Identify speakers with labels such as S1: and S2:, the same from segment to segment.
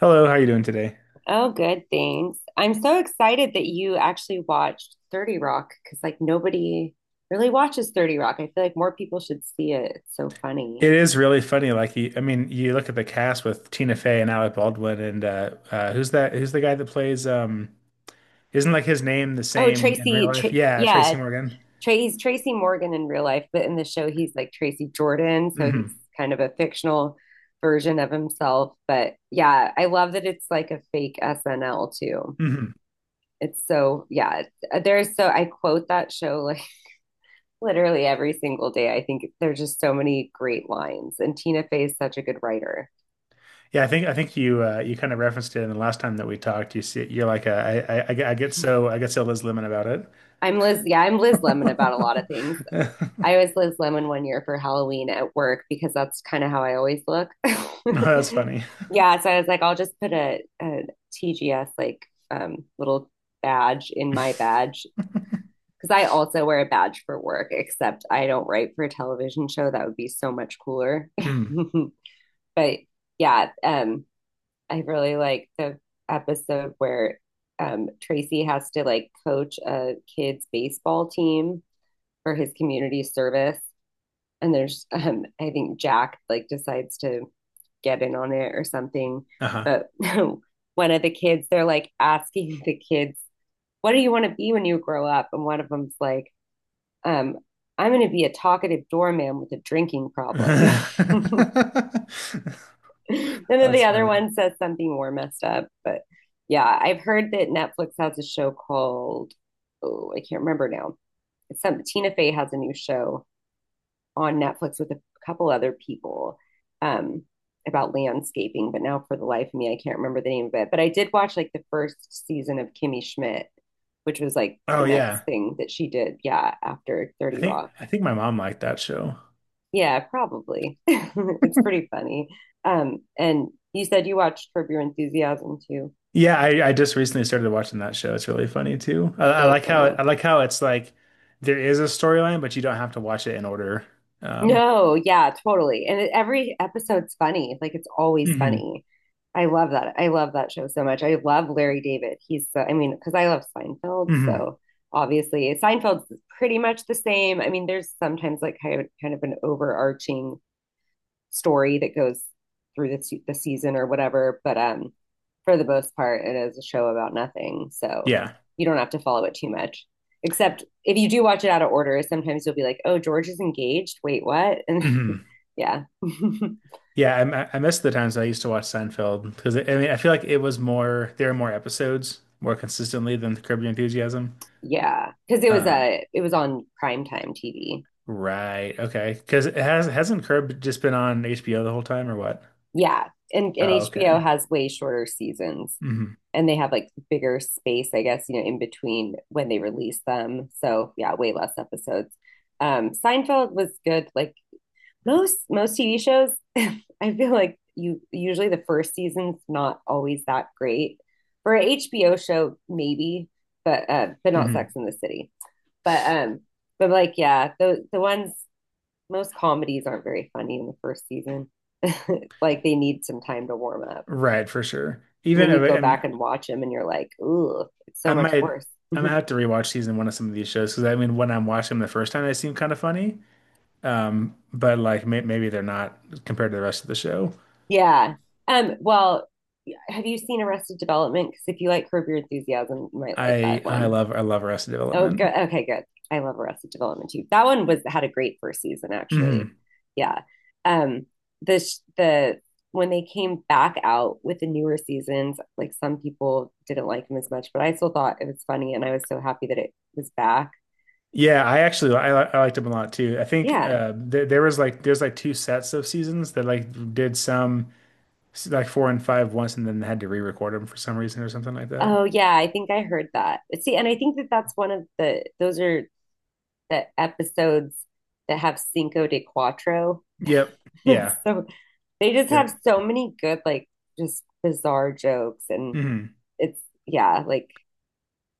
S1: Hello, how are you doing today?
S2: Oh, good. Thanks. I'm so excited that you actually watched 30 Rock because, like, nobody really watches 30 Rock. I feel like more people should see it. It's so funny.
S1: It is really funny. Like, you, I mean, you look at the cast with Tina Fey and Alec Baldwin, and who's that? Who's the guy that plays? Isn't like his name the
S2: Oh,
S1: same in real
S2: Tracy, Tra
S1: life? Yeah,
S2: yeah,
S1: Tracy Morgan.
S2: Tra he's Tracy Morgan in real life, but in the show, he's like Tracy Jordan. So he's
S1: Hmm.
S2: kind of a fictional version of himself. But yeah, I love that it's like a fake SNL too.
S1: Hmm.
S2: It's so, yeah, it's- there's so, I quote that show, like, literally every single day. I think there's just so many great lines, and Tina Fey is such a good writer.
S1: Yeah, I think you you kind of referenced it in the last time that we talked. You see, you're like, I get so Liz Lemon about it.
S2: I'm Liz. Yeah, I'm Liz Lemon about a lot of things. I was Liz Lemon one year for Halloween at work because that's kind of how I always look.
S1: No, that's funny.
S2: yeah, so I was like, I'll just put a, TGS, little badge in my badge, because I also wear a badge for work, except I don't write for a television show. That would be so much cooler.
S1: Mm.
S2: but yeah, um, I really like the episode where Tracy has to, like, coach a kid's baseball team for his community service. And there's, I think Jack, like, decides to get in on it or something.
S1: Uh-huh.
S2: But one of the kids, they're like asking the kids, what do you want to be when you grow up? And one of them's like, um, I'm going to be a talkative doorman with a drinking problem. and then
S1: That's
S2: the other
S1: funny.
S2: one says something more messed up. But yeah, I've heard that Netflix has a show called, oh, I can't remember now. It's some Tina Fey has a new show on Netflix with a couple other people, um, about landscaping. But now, for the life of me, I can't remember the name of it. But I did watch like the first season of Kimmy Schmidt, which was like
S1: Oh
S2: the next
S1: yeah.
S2: thing that she did. Yeah, after
S1: I
S2: 30
S1: think
S2: Rock.
S1: I think my mom liked that show.
S2: Yeah, probably. It's pretty funny. And you said you watched Curb Your Enthusiasm too.
S1: Yeah, I just recently started watching that show. It's really funny too. I, I
S2: So
S1: like how I
S2: funny.
S1: like how it's like there is a storyline, but you don't have to watch it in order. Um,
S2: No, yeah, totally. And it, every episode's funny. Like, it's always
S1: hmm.
S2: funny. I love that. I love that show so much. I love Larry David. He's so, I mean, because I love Seinfeld,
S1: Hmm.
S2: so obviously Seinfeld's pretty much the same. I mean, there's sometimes like kind of an overarching story that goes through the season or whatever. But For the most part, it is a show about nothing. So
S1: Yeah.
S2: you don't have to follow it too much. Except if you do watch it out of order, sometimes you'll be like, oh, George is engaged. Wait, what? And
S1: Hmm.
S2: yeah.
S1: Yeah, I miss the times I used to watch Seinfeld because I mean I feel like it was more there were more episodes more consistently than Curb Your Enthusiasm.
S2: yeah. Cause
S1: Uh,
S2: it was on primetime TV.
S1: right. Okay. Because it has hasn't Curb just been on HBO the whole time or what?
S2: Yeah. And,
S1: Oh,
S2: HBO
S1: okay.
S2: has way shorter seasons.
S1: Hmm.
S2: And they have like bigger space, I guess, you know, in between when they release them. So yeah, way less episodes. Seinfeld was good. Like most TV shows, I feel like you usually the first season's not always that great. For an HBO show, maybe, but not
S1: Hmm.
S2: Sex and the City. But um, but like yeah, the ones, most comedies aren't very funny in the first season. like they need some time to warm up.
S1: Right, for sure.
S2: And
S1: Even
S2: then
S1: if
S2: you
S1: I,
S2: go
S1: and
S2: back and watch them and you're like, ooh, it's
S1: I
S2: so much
S1: might
S2: worse.
S1: have to rewatch season one of some of these shows because I mean when I'm watching them the first time they seem kind of funny. But like maybe they're not compared to the rest of the show.
S2: yeah. Um, well, yeah, have you seen Arrested Development? Because if you like Curb Your Enthusiasm, you might like
S1: I
S2: that
S1: I
S2: one.
S1: love I love Arrested
S2: Oh, good.
S1: Development.
S2: Okay, good. I love Arrested Development too. That one was had a great first season, actually.
S1: Hmm.
S2: Yeah. Um, the the When they came back out with the newer seasons, like some people didn't like them as much, but I still thought it was funny, and I was so happy that it was back.
S1: Yeah, I actually I, li- I liked them a lot too. I think
S2: Yeah.
S1: there was like there's like two sets of seasons that like did some like four and five once and then had to re-record them for some reason or something like that.
S2: Oh yeah, I think I heard that. See, and I think that that's one of the those are the episodes that have Cinco de Cuatro.
S1: Yep. Yeah.
S2: So they just have
S1: Yep.
S2: so many good, like, just bizarre jokes, and
S1: Mhm.
S2: it's yeah, like,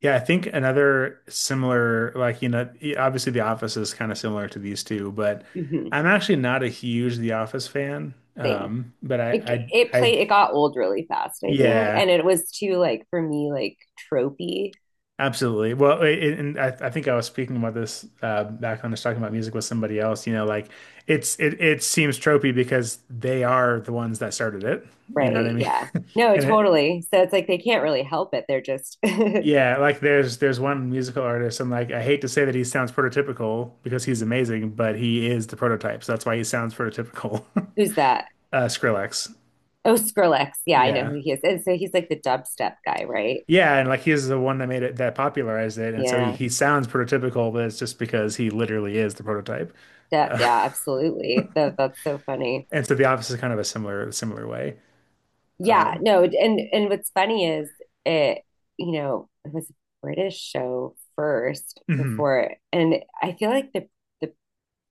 S1: Yeah, I think another similar, like, you know, obviously The Office is kind of similar to these two, but
S2: mhm,
S1: I'm actually not a huge The Office fan.
S2: same.
S1: But
S2: It
S1: I,
S2: played, it got old really fast, I think,
S1: yeah,
S2: and it was too, like, for me, like, tropey,
S1: absolutely. Well, I think I was speaking about this back when I was talking about music with somebody else. You know, like it it seems tropey because they are the ones that started it. You know what I
S2: right?
S1: mean?
S2: Yeah. No,
S1: And it,
S2: totally. So it's like they can't really help it. They're just
S1: yeah, like there's one musical artist, and like I hate to say that he sounds prototypical because he's amazing, but he is the prototype, so that's why he sounds prototypical.
S2: who's that?
S1: Skrillex.
S2: Oh, Skrillex. Yeah, I know
S1: Yeah.
S2: who he is. And so he's like the dubstep guy, right?
S1: Yeah, and like he's the one that made it that popularized it, and so
S2: Yeah.
S1: he sounds prototypical, but it's just because he literally is the prototype.
S2: That,
S1: Uh,
S2: yeah, absolutely. That's so funny.
S1: and so The Office is kind of a similar way.
S2: Yeah, no, and what's funny is it, you know, it was a British show first
S1: Hmm.
S2: before, and I feel like the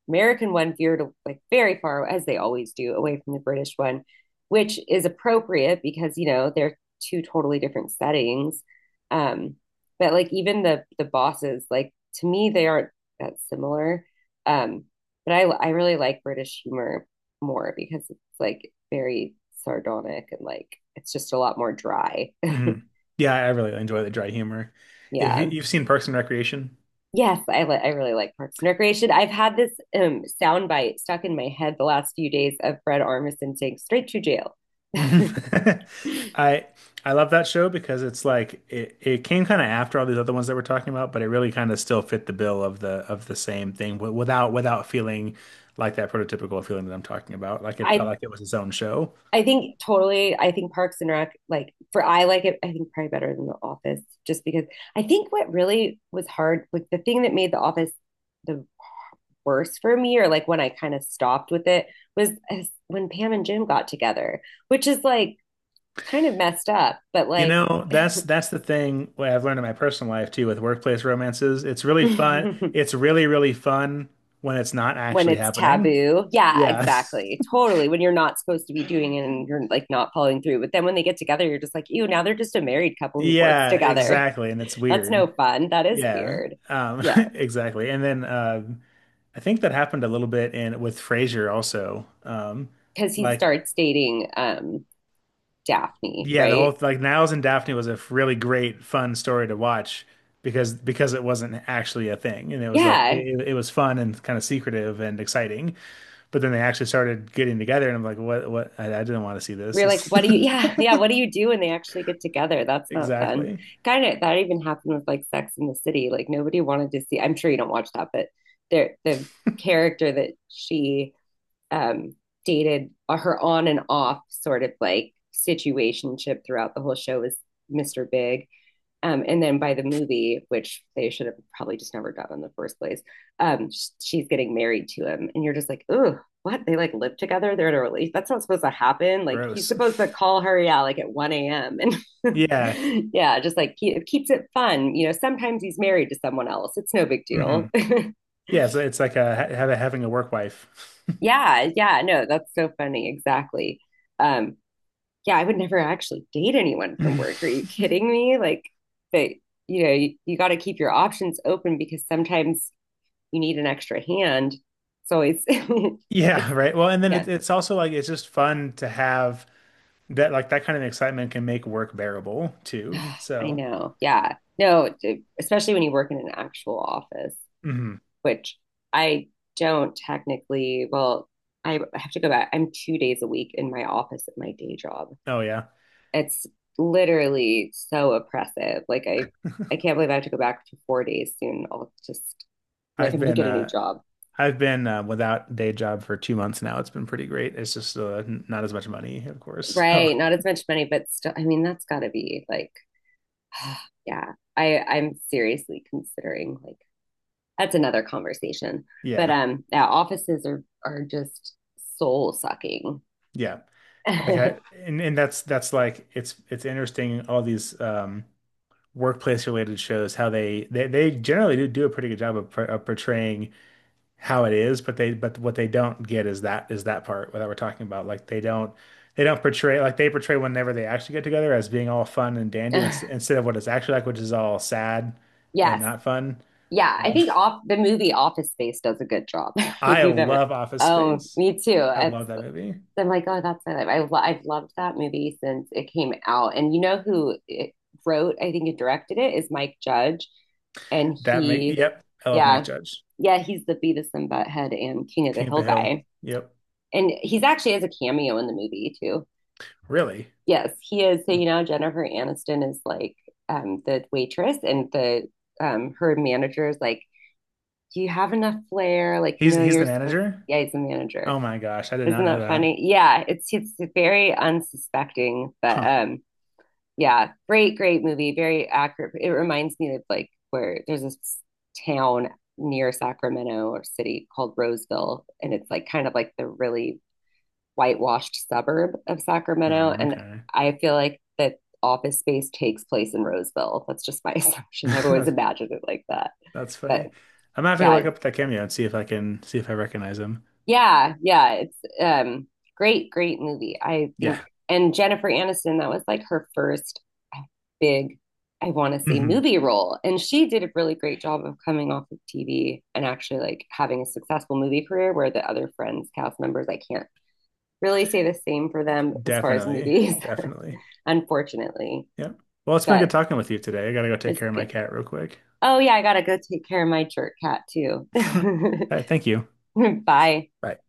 S2: American one veered like very far, as they always do, away from the British one, which is appropriate because you know they're two totally different settings. Um, but like even the bosses, like, to me, they aren't that similar. Um, but I really like British humor more because it's like very sardonic, and like it's just a lot more dry.
S1: Hmm. Yeah, I really enjoy the dry humor. If
S2: yeah.
S1: you've seen Parks and Recreation.
S2: Yes, I really like Parks and Recreation. I've had this soundbite stuck in my head the last few days of Fred Armisen saying straight to jail.
S1: Mhm. I I love that show because it's like it came kind of after all these other ones that we're talking about, but it really kind of still fit the bill of the same thing without feeling like that prototypical feeling that I'm talking about. Like it felt
S2: I
S1: like it was its own show.
S2: I think totally. I think Parks and Rec, like for I like it, I think probably better than The Office, just because I think what really was hard, like the thing that made The Office the worst for me, or like when I kind of stopped with it, was when Pam and Jim got together, which is like kind of messed up, but
S1: You
S2: like
S1: know, that's the thing what I've learned in my personal life too with workplace romances. It's really fun. It's really, really fun when it's not
S2: when
S1: actually
S2: it's
S1: happening.
S2: taboo. Yeah,
S1: Yeah.
S2: exactly. Totally. When you're not supposed to be doing it and you're like not following through. But then when they get together, you're just like, ew, now they're just a married couple who works
S1: Yeah,
S2: together.
S1: exactly. And it's
S2: That's no
S1: weird.
S2: fun. That is
S1: Yeah.
S2: weird.
S1: Um,
S2: Yeah.
S1: exactly. And then I think that happened a little bit in with Frasier also.
S2: Cause he
S1: Like
S2: starts dating Daphne,
S1: yeah, the whole
S2: right?
S1: like Niles and Daphne was a really great fun story to watch because it wasn't actually a thing and it was like
S2: Yeah.
S1: it was fun and kind of secretive and exciting. But then they actually started getting together and I'm like, what I didn't want to see this.
S2: We're like,
S1: This
S2: what do you yeah, yeah, what do you do when they actually get together? That's not fun.
S1: exactly
S2: Kind of that even happened with like Sex and the City. Like nobody wanted to see I'm sure you don't watch that, but there the character that she um dated, her on and off sort of like situationship throughout the whole show was Mr. Big. And then by the movie, which they should have probably just never done in the first place, um, she's getting married to him, and you're just like, "Ooh, what? They like live together? They're in a relationship? That's not supposed to happen. Like, he's
S1: gross.
S2: supposed to call her, yeah, like at 1 a.m. And
S1: Yeah.
S2: yeah, just like it keeps it fun. You know, sometimes he's married to someone else. It's no big
S1: Hmm.
S2: deal.
S1: Yeah, so it's like having a work wife.
S2: yeah, yeah, no, that's so funny. Exactly. Um, yeah, I would never actually date anyone from work. Are you kidding me? Like, but you know, you got to keep your options open because sometimes you need an extra hand. So it's,
S1: Yeah,
S2: it's,
S1: right. Well, and then
S2: yeah,
S1: it's also like it's just fun to have that like that kind of excitement can make work bearable too.
S2: I
S1: So,
S2: know. Yeah. No, d- especially when you work in an actual office,
S1: mhm.
S2: which I don't technically, well, I have to go back. I'm 2 days a week in my office at my day job.
S1: Oh yeah.
S2: It's literally so oppressive. Like I can't believe I have to go back to 4 days soon. I'll just, like,
S1: I've
S2: I'm gonna
S1: been
S2: get a new
S1: uh
S2: job.
S1: I've been without day job for 2 months now. It's been pretty great. It's just not as much money, of course. So
S2: Right. Not as much money, but still, I mean that's gotta be like yeah. I'm seriously considering like that's another conversation. But
S1: yeah,
S2: um yeah, offices are just soul sucking.
S1: yeah. Like I and that's it's interesting all these workplace related shows how they generally do a pretty good job of, portraying how it is, but they but what they don't get is that part that we're talking about. Like they don't portray like they portray whenever they actually get together as being all fun and dandy instead of what it's actually like, which is all sad and
S2: yes,
S1: not fun.
S2: yeah, I think off the movie Office Space does a good job. If
S1: I
S2: you've ever,
S1: love Office
S2: oh,
S1: Space.
S2: me too.
S1: I
S2: It's,
S1: love that movie.
S2: I'm like, oh, that's my life. I've loved that movie since it came out. And you know who it wrote, I think, and directed it is Mike Judge, and
S1: That make
S2: he,
S1: yep, I love Mike
S2: yeah,
S1: Judge.
S2: yeah, he's the Beavis and Butthead and King of the
S1: King of
S2: Hill
S1: the Hill.
S2: guy,
S1: Yep.
S2: and he's actually has a cameo in the movie too.
S1: Really?
S2: Yes, he is. So you know, Jennifer Aniston is like, the waitress, and the, her manager is like, do you have enough flair? Like, you know,
S1: He's
S2: you're
S1: the
S2: supposed to,
S1: manager?
S2: yeah, he's a
S1: Oh
S2: manager.
S1: my gosh, I did not
S2: Isn't
S1: know
S2: that
S1: that.
S2: funny? Yeah, it's very unsuspecting, but
S1: Huh.
S2: um yeah, great, great movie, very accurate. It reminds me of like where there's this town near Sacramento or city called Roseville, and it's like kind of like the really whitewashed suburb of Sacramento.
S1: Mm,
S2: And
S1: okay.
S2: I feel like that office space takes place in Roseville. That's just my assumption. I've always
S1: That's,
S2: imagined it like that.
S1: that's
S2: But
S1: funny. I'm gonna have to go look
S2: yeah.
S1: up that cameo and see if I can see if I recognize him.
S2: Yeah, yeah, it's great, great movie. I
S1: Yeah.
S2: think and Jennifer Aniston, that was like her first, uh, big, I want to say
S1: Hmm.
S2: movie role. And she did a really great job of coming off of TV and actually like having a successful movie career where the other friends, cast members, I can't really say the same for them as far as
S1: Definitely.
S2: movies,
S1: Definitely.
S2: unfortunately.
S1: Yeah. Well, it's been good
S2: But
S1: talking with you today. I gotta go take
S2: it's
S1: care of my
S2: good.
S1: cat real quick.
S2: Oh yeah, I gotta go take care of my jerk cat too.
S1: All right, thank you.
S2: Bye.
S1: Bye.